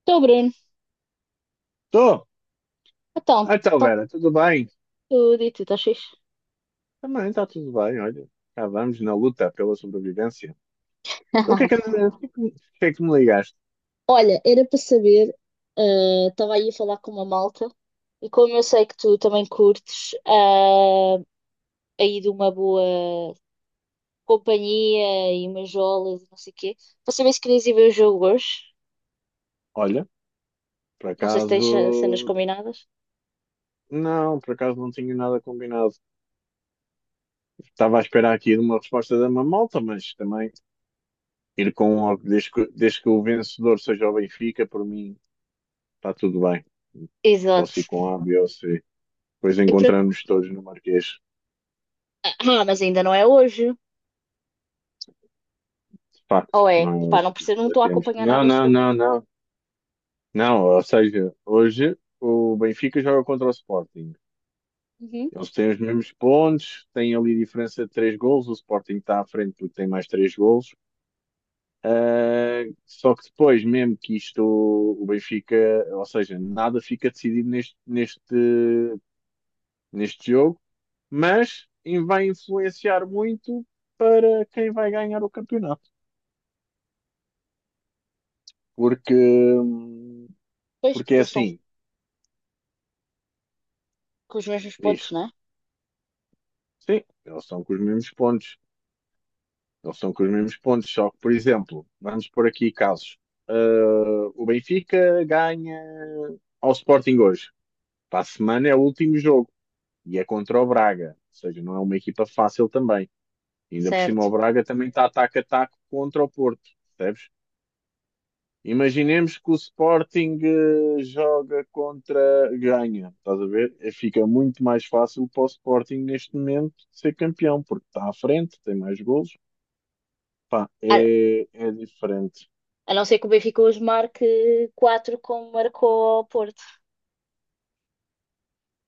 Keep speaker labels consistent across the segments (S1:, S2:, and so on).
S1: Estou, Bruno.
S2: Tô.
S1: Então,
S2: Ah, então,
S1: está
S2: Vera, tudo bem?
S1: tudo e tu estás fixe?
S2: Também está tudo bem, olha. Cá vamos na luta pela sobrevivência. Então, o que é que, o que é que- o que é que me ligaste?
S1: Olha, era para saber, estava aí a falar com uma malta e como eu sei que tu também curtes aí de uma boa companhia e umas jolas e não sei o quê, para saber se querias ir ver o jogo hoje.
S2: Olha, por
S1: Não sei se tens cenas
S2: acaso.
S1: combinadas.
S2: Não, por acaso não tinha nada combinado. Estava a esperar aqui de uma resposta da Mamalta, mas também ir com. O- desde que o vencedor seja o Benfica, por mim está tudo bem. Posso ir
S1: Exato.
S2: com A, B ou C. Depois
S1: Eu pre-
S2: encontramos todos no Marquês.
S1: Ah, mas ainda não é hoje.
S2: De facto,
S1: Ou é? Pá,
S2: nós
S1: não percebo, não
S2: ainda
S1: estou a
S2: temos.
S1: acompanhar nada
S2: Não,
S1: deste
S2: não, não,
S1: campeonato.
S2: não. Não, ou seja, hoje o Benfica joga contra o Sporting.
S1: Uhum.
S2: Eles têm os mesmos pontos, têm ali diferença de três golos. O Sporting está à frente porque tem mais três golos. Ah, só que depois, mesmo que isto, o Benfica, ou seja, nada fica decidido neste jogo, mas vai influenciar muito para quem vai ganhar o campeonato. Porque,
S1: Pois,
S2: porque
S1: porque
S2: é
S1: eles estão
S2: assim,
S1: com os mesmos pontos,
S2: diz,
S1: não é?
S2: sim, eles estão com os mesmos pontos. Eles estão com os mesmos pontos, só que, por exemplo, vamos por aqui casos. O Benfica ganha ao Sporting hoje. Para a semana é o último jogo e é contra o Braga. Ou seja, não é uma equipa fácil também. Ainda por cima,
S1: Certo.
S2: o Braga também está ataque a ataque contra o Porto, percebes? Imaginemos que o Sporting joga contra ganha, estás a ver? Fica muito mais fácil para o Sporting neste momento ser campeão, porque está à frente, tem mais golos. Pá, é diferente.
S1: A não ser que o Benfica hoje marque 4, como marcou ao Porto.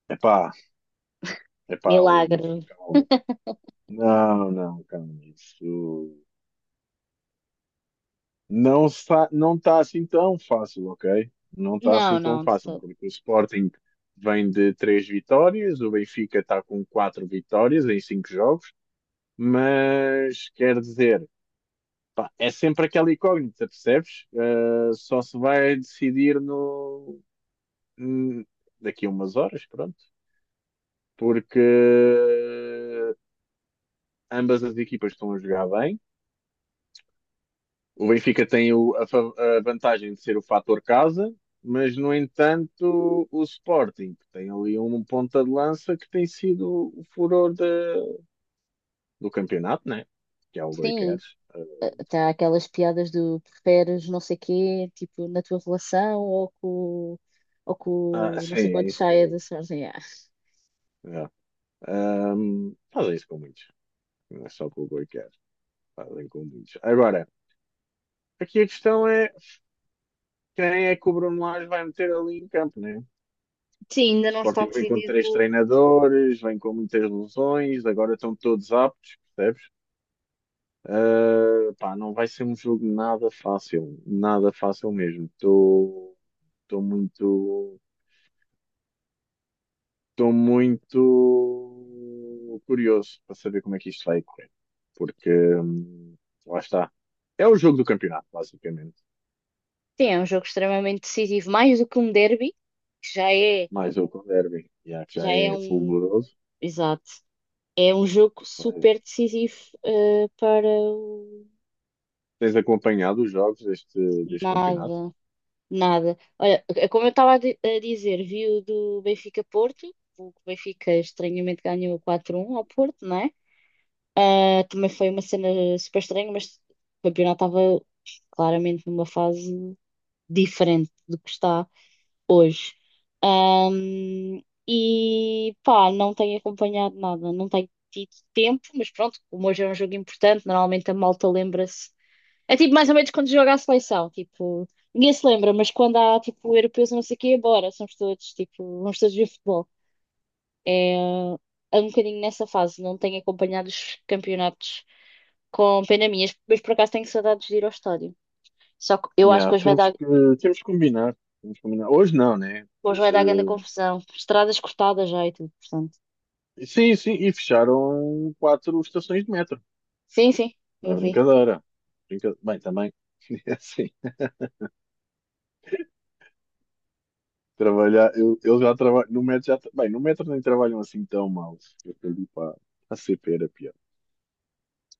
S2: Epá, epá, Luís,
S1: Milagre.
S2: calma. Não, não, calma. Isso não está, não tá assim tão fácil, ok? Não está
S1: Não,
S2: assim tão
S1: não, de
S2: fácil,
S1: todo.
S2: porque o Sporting vem de três vitórias, o Benfica está com quatro vitórias em cinco jogos, mas quer dizer, pá, é sempre aquela incógnita, percebes? Só se vai decidir no, hum, daqui a umas horas, pronto. Porque ambas as equipas estão a jogar bem. O Benfica tem a vantagem de ser o fator casa, mas no entanto o Sporting que tem ali um ponta de lança que tem sido o furor do campeonato, né? Que é o Goi.
S1: Sim, está aquelas piadas do preferes não sei quê, tipo, na tua relação ou
S2: Ah,
S1: com não sei
S2: sim,
S1: quantos saia
S2: isso.
S1: da Sarzen. Ah.
S2: É. Fazem isso com muitos. Não é só com o Goi, fazem com muitos. Agora, aqui a questão é quem é que o Bruno Lage vai meter ali em campo, né? O
S1: Sim, ainda não está
S2: Sporting vem com
S1: decidido.
S2: três treinadores, vem com muitas lesões, agora estão todos aptos, percebes? Pá, não vai ser um jogo nada fácil, nada fácil mesmo. Muito, estou muito curioso para saber como é que isto vai correr, porque hum, lá está. É o jogo do campeonato, basicamente.
S1: Sim, é um jogo extremamente decisivo, mais do que um derby, que já é,
S2: Mais outro derby, já que já
S1: já é
S2: é
S1: um.
S2: fulguroso.
S1: Exato. É um jogo
S2: Vai.
S1: super decisivo, para o
S2: Tens acompanhado os jogos deste campeonato?
S1: nada. Nada. Olha, é como eu estava a dizer, vi o do Benfica-Porto, o que o Benfica estranhamente ganhou 4-1 ao Porto, não é? Ah, também foi uma cena super estranha, mas o campeonato estava claramente numa fase diferente do que está hoje. Ahm, e pá, não tenho acompanhado nada, não tenho tido tempo, mas pronto, como hoje é um jogo importante, normalmente a malta lembra-se é tipo mais ou menos quando joga a seleção, tipo, ninguém se lembra, mas quando há tipo europeus e não sei o quê, bora, somos todos, tipo, vamos todos ver futebol. É, é um bocadinho nessa fase, não tenho acompanhado os campeonatos com pena minha, mas por acaso tenho saudades de ir ao estádio. Só que eu acho
S2: Yeah,
S1: que hoje vai
S2: temos
S1: dar,
S2: que, temos que combinar. Temos que combinar. Hoje não, né?
S1: hoje
S2: Mas,
S1: vai dar grande confusão, estradas cortadas já e tudo, portanto.
S2: sim, sim, e fecharam quatro estações de metro.
S1: Sim, sim,
S2: Não é
S1: eu vi.
S2: brincadeira. Bem, também, é assim, trabalhar, eu já trabalho, no metro já, bem, no metro nem trabalham assim tão mal. Eu perdi para a CP era pior.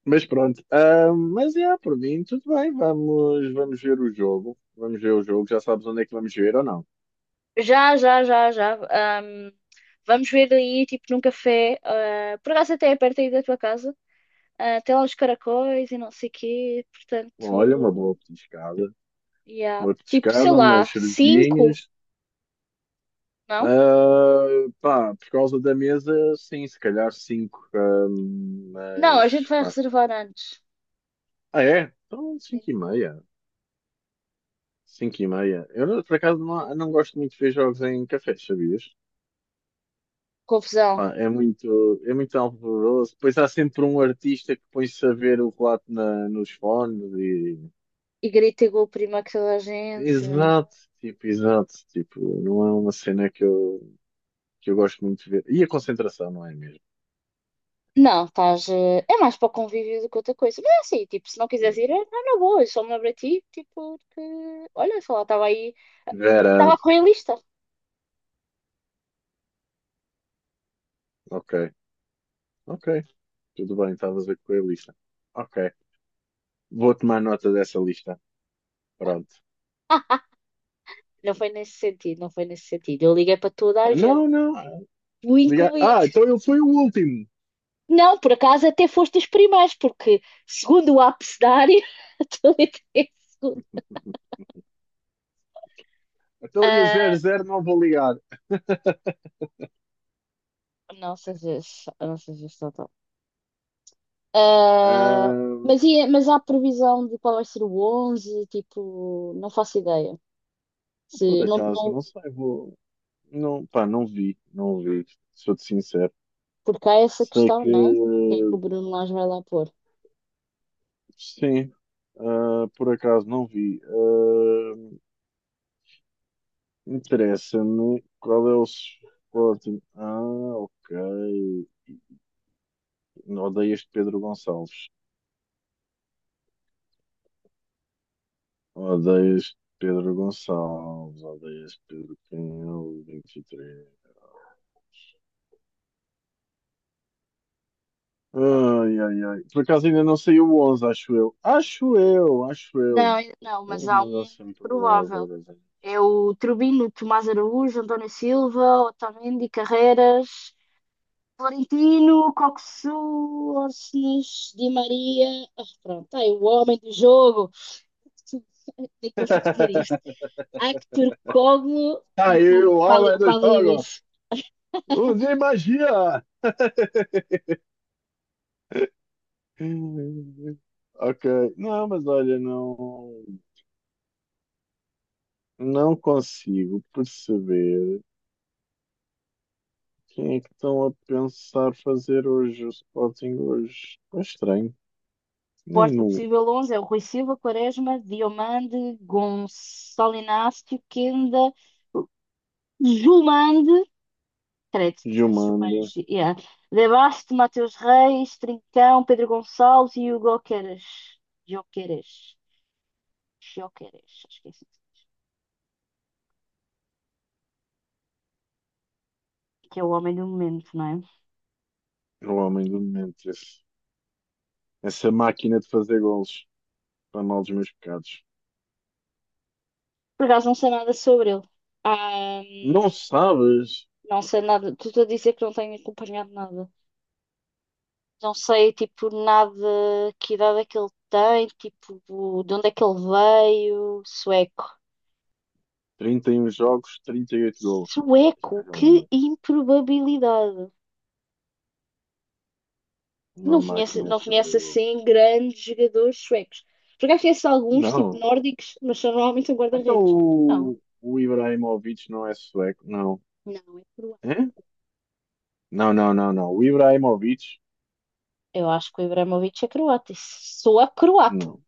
S2: Mas pronto, mas é, por mim, tudo bem, vamos ver o jogo. Vamos ver o jogo, já sabes onde é que vamos ver ou não.
S1: Já, já, já, já. Vamos ver aí, tipo, num café, por acaso até é perto aí da tua casa. Ah, tem lá os caracóis e não sei quê,
S2: Olha, uma
S1: portanto,
S2: boa petiscada,
S1: yeah.
S2: uma
S1: Tipo, sei
S2: petiscada, umas
S1: lá, cinco,
S2: cervejinhas.
S1: não?
S2: Ah, pá, por causa da mesa, sim, se calhar 5.
S1: Não, a gente
S2: Mas,
S1: vai
S2: pá.
S1: reservar antes.
S2: Ah, é? Então, 5:30. Cinco e meia. Eu, não- por acaso, não gosto muito de ver jogos em cafés, sabias?
S1: Confusão.
S2: Pá, é muito alvoroço. Depois há sempre um artista que põe-se a ver o relato nos fones e...
S1: E grita e prima que toda a gente.
S2: Exato. Tipo, não é uma cena que que eu gosto muito de ver. E a concentração, não é mesmo?
S1: Não, estás. É mais para o convívio do que outra coisa. Mas é assim, tipo, se não quiseres ir, é não, na boa, eu só me lembro a ti, tipo, que. Olha, sei lá, estava aí. Estava
S2: Vera,
S1: a correr a lista.
S2: ok. Ok. Tudo bem, estavas a ver que foi a lista. Ok. Vou tomar nota dessa lista. Pronto.
S1: Não foi nesse sentido, não foi nesse sentido. Eu liguei para toda a
S2: Ah,
S1: gente,
S2: não, não.
S1: tu
S2: Ligar.
S1: incluído.
S2: Ah, então ele foi o último.
S1: Não, por acaso até foste os primeiros, porque segundo o abecedário, a é segundo.
S2: Então eu
S1: Ah,
S2: zero zero não vou ligar.
S1: não sejas, não sejas total. Ah,
S2: Ahm,
S1: mas há previsão de qual vai ser o 11? Tipo, não faço ideia.
S2: por
S1: Se, não,
S2: acaso,
S1: não,
S2: não sei, vou. Não, pá, não vi, não vi, sou-te sincero.
S1: porque há essa
S2: Sei
S1: questão,
S2: que,
S1: né? Quem é que o Bruno Lage vai lá pôr?
S2: sim, por acaso não vi. Ah, interessa-me qual é o Sporting. Ah, ok. Odeio este Pedro Gonçalves. Odeias Pedro Gonçalves, odeias Pedro Canhão, 23. Ai, ai, ai. Por acaso ainda não saiu o 11, acho eu. Acho eu, acho
S1: Não,
S2: eu.
S1: não, mas
S2: Eles
S1: há
S2: mandam
S1: um
S2: sempre um
S1: provável.
S2: agora. Zé.
S1: É o Trubino, Tomás Araújo, António Silva, Otamendi, Carreiras, Florentino, Coxu, Orsnes, Di Maria. Ah, pronto, tá aí o homem do jogo. Nem consigo dizer isto. Actor Coglu e
S2: Aí, o homem do jogo!
S1: Pavlidis.
S2: Use magia! Ok. Não, mas olha, não, não consigo perceber quem é que estão a pensar fazer hoje o Sporting hoje. É estranho.
S1: O
S2: Nem no
S1: possível 11 é o Rui Silva, Quaresma, Diomande, Gonçalo Inácio, Kenda, Jumande, credo,
S2: Gilmando,
S1: Jumange, yeah. Debasto, Mateus Reis, Trincão, Pedro Gonçalves e Hugo Queres. Joqueres. Joqueres, acho que é assim. Que é o homem do momento, não é?
S2: o homem do Memphis. Essa máquina de fazer gols para mal dos meus pecados.
S1: Por acaso não sei nada sobre ele. Ah,
S2: Não sabes?
S1: não sei nada. Estou a dizer que não tenho acompanhado nada. Não sei, tipo, nada, que idade é que ele tem, tipo, de onde é que ele veio. Sueco.
S2: 31 jogos, 38 gols. Este
S1: Sueco,
S2: gajo é
S1: que improbabilidade.
S2: uma
S1: Não conheço,
S2: máquina
S1: não
S2: de fazer
S1: conheço assim
S2: gols.
S1: grandes jogadores suecos. Por acaso conheço alguns, tipo,
S2: Não.
S1: nórdicos, mas são normalmente um
S2: Então
S1: guarda-redes. Não,
S2: o Ibrahimovic não é sueco? Não.
S1: não, é
S2: É?
S1: croata.
S2: Não, não, não, não. O Ibrahimovic?
S1: Eu acho que o Ibrahimovic é croata. Isso soa croata.
S2: Não.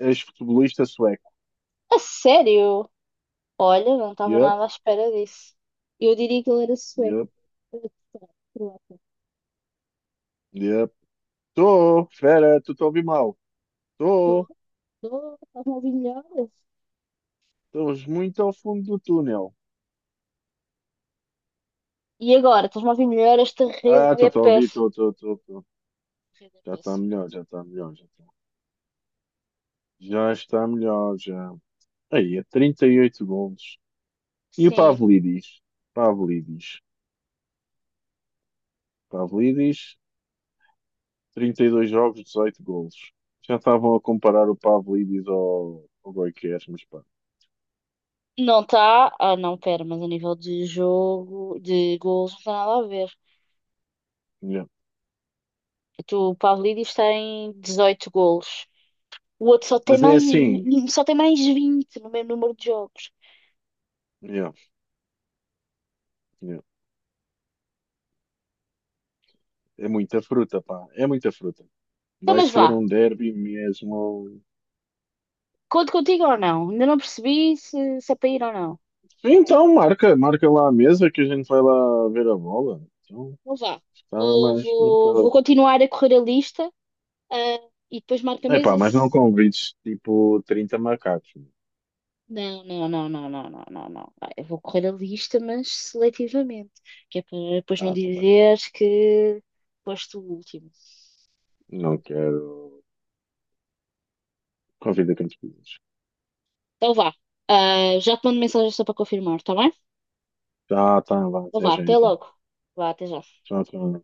S2: Ex-futebolista sueco.
S1: A sério? Olha, não estava
S2: Yup,
S1: nada à espera disso. Eu diria que ele era sueco.
S2: yup, yup. Tô, fera, tu te ouvi mal. Tô.
S1: Estás-me a ouvir melhor?
S2: Estamos muito ao fundo do túnel.
S1: E agora? Estás-me a ouvir melhor? Esta
S2: Ah,
S1: rede
S2: estou
S1: é
S2: a ouvir,
S1: péssima.
S2: estou, estou, estou. Estou.
S1: Rede é
S2: Já está
S1: péssima.
S2: melhor, já está melhor, já está. Já está melhor, já. Aí, é 38 golos. E o
S1: Sim.
S2: Pavlidis? Pavlidis. Pavlidis, 32 jogos, 18 golos. Já estavam a comparar o Pavlidis ao Goiás, mas pá.
S1: Não está. Ah, não, pera, mas a nível de jogo, de golos, não tem nada a ver.
S2: Yeah.
S1: Tu, o Pavlidis tem 18 golos. O outro só tem
S2: Mas é
S1: mais,
S2: assim.
S1: vi- só tem mais 20 no mesmo número de jogos.
S2: Yeah, yeah. É muita fruta, pá. É muita fruta.
S1: Então,
S2: Vai
S1: mas
S2: ser
S1: vá.
S2: um derby mesmo.
S1: Conto contigo ou não? Ainda não percebi se é para ir ou não.
S2: Então, marca lá a mesa que a gente vai lá ver a bola. Então,
S1: Não vá.
S2: está
S1: Vou,
S2: mais
S1: vou, vou
S2: marcada.
S1: continuar a correr a lista, e depois marco a
S2: Epá,
S1: mesa.
S2: mas não convides tipo 30 macacos.
S1: Não, não, não, não, não, não, não, não. Ah, eu vou correr a lista, mas seletivamente, que é para depois não
S2: Ah, tá bem.
S1: dizeres que foste o último.
S2: Não quero. Convida quantos quiseres.
S1: Então vá. Ah, já te mando mensagem só para confirmar, está bem?
S2: Tá, tá, vá,
S1: Então
S2: até
S1: vá,
S2: já
S1: até
S2: então.
S1: logo. Vá, até já.
S2: Tchau, tchau.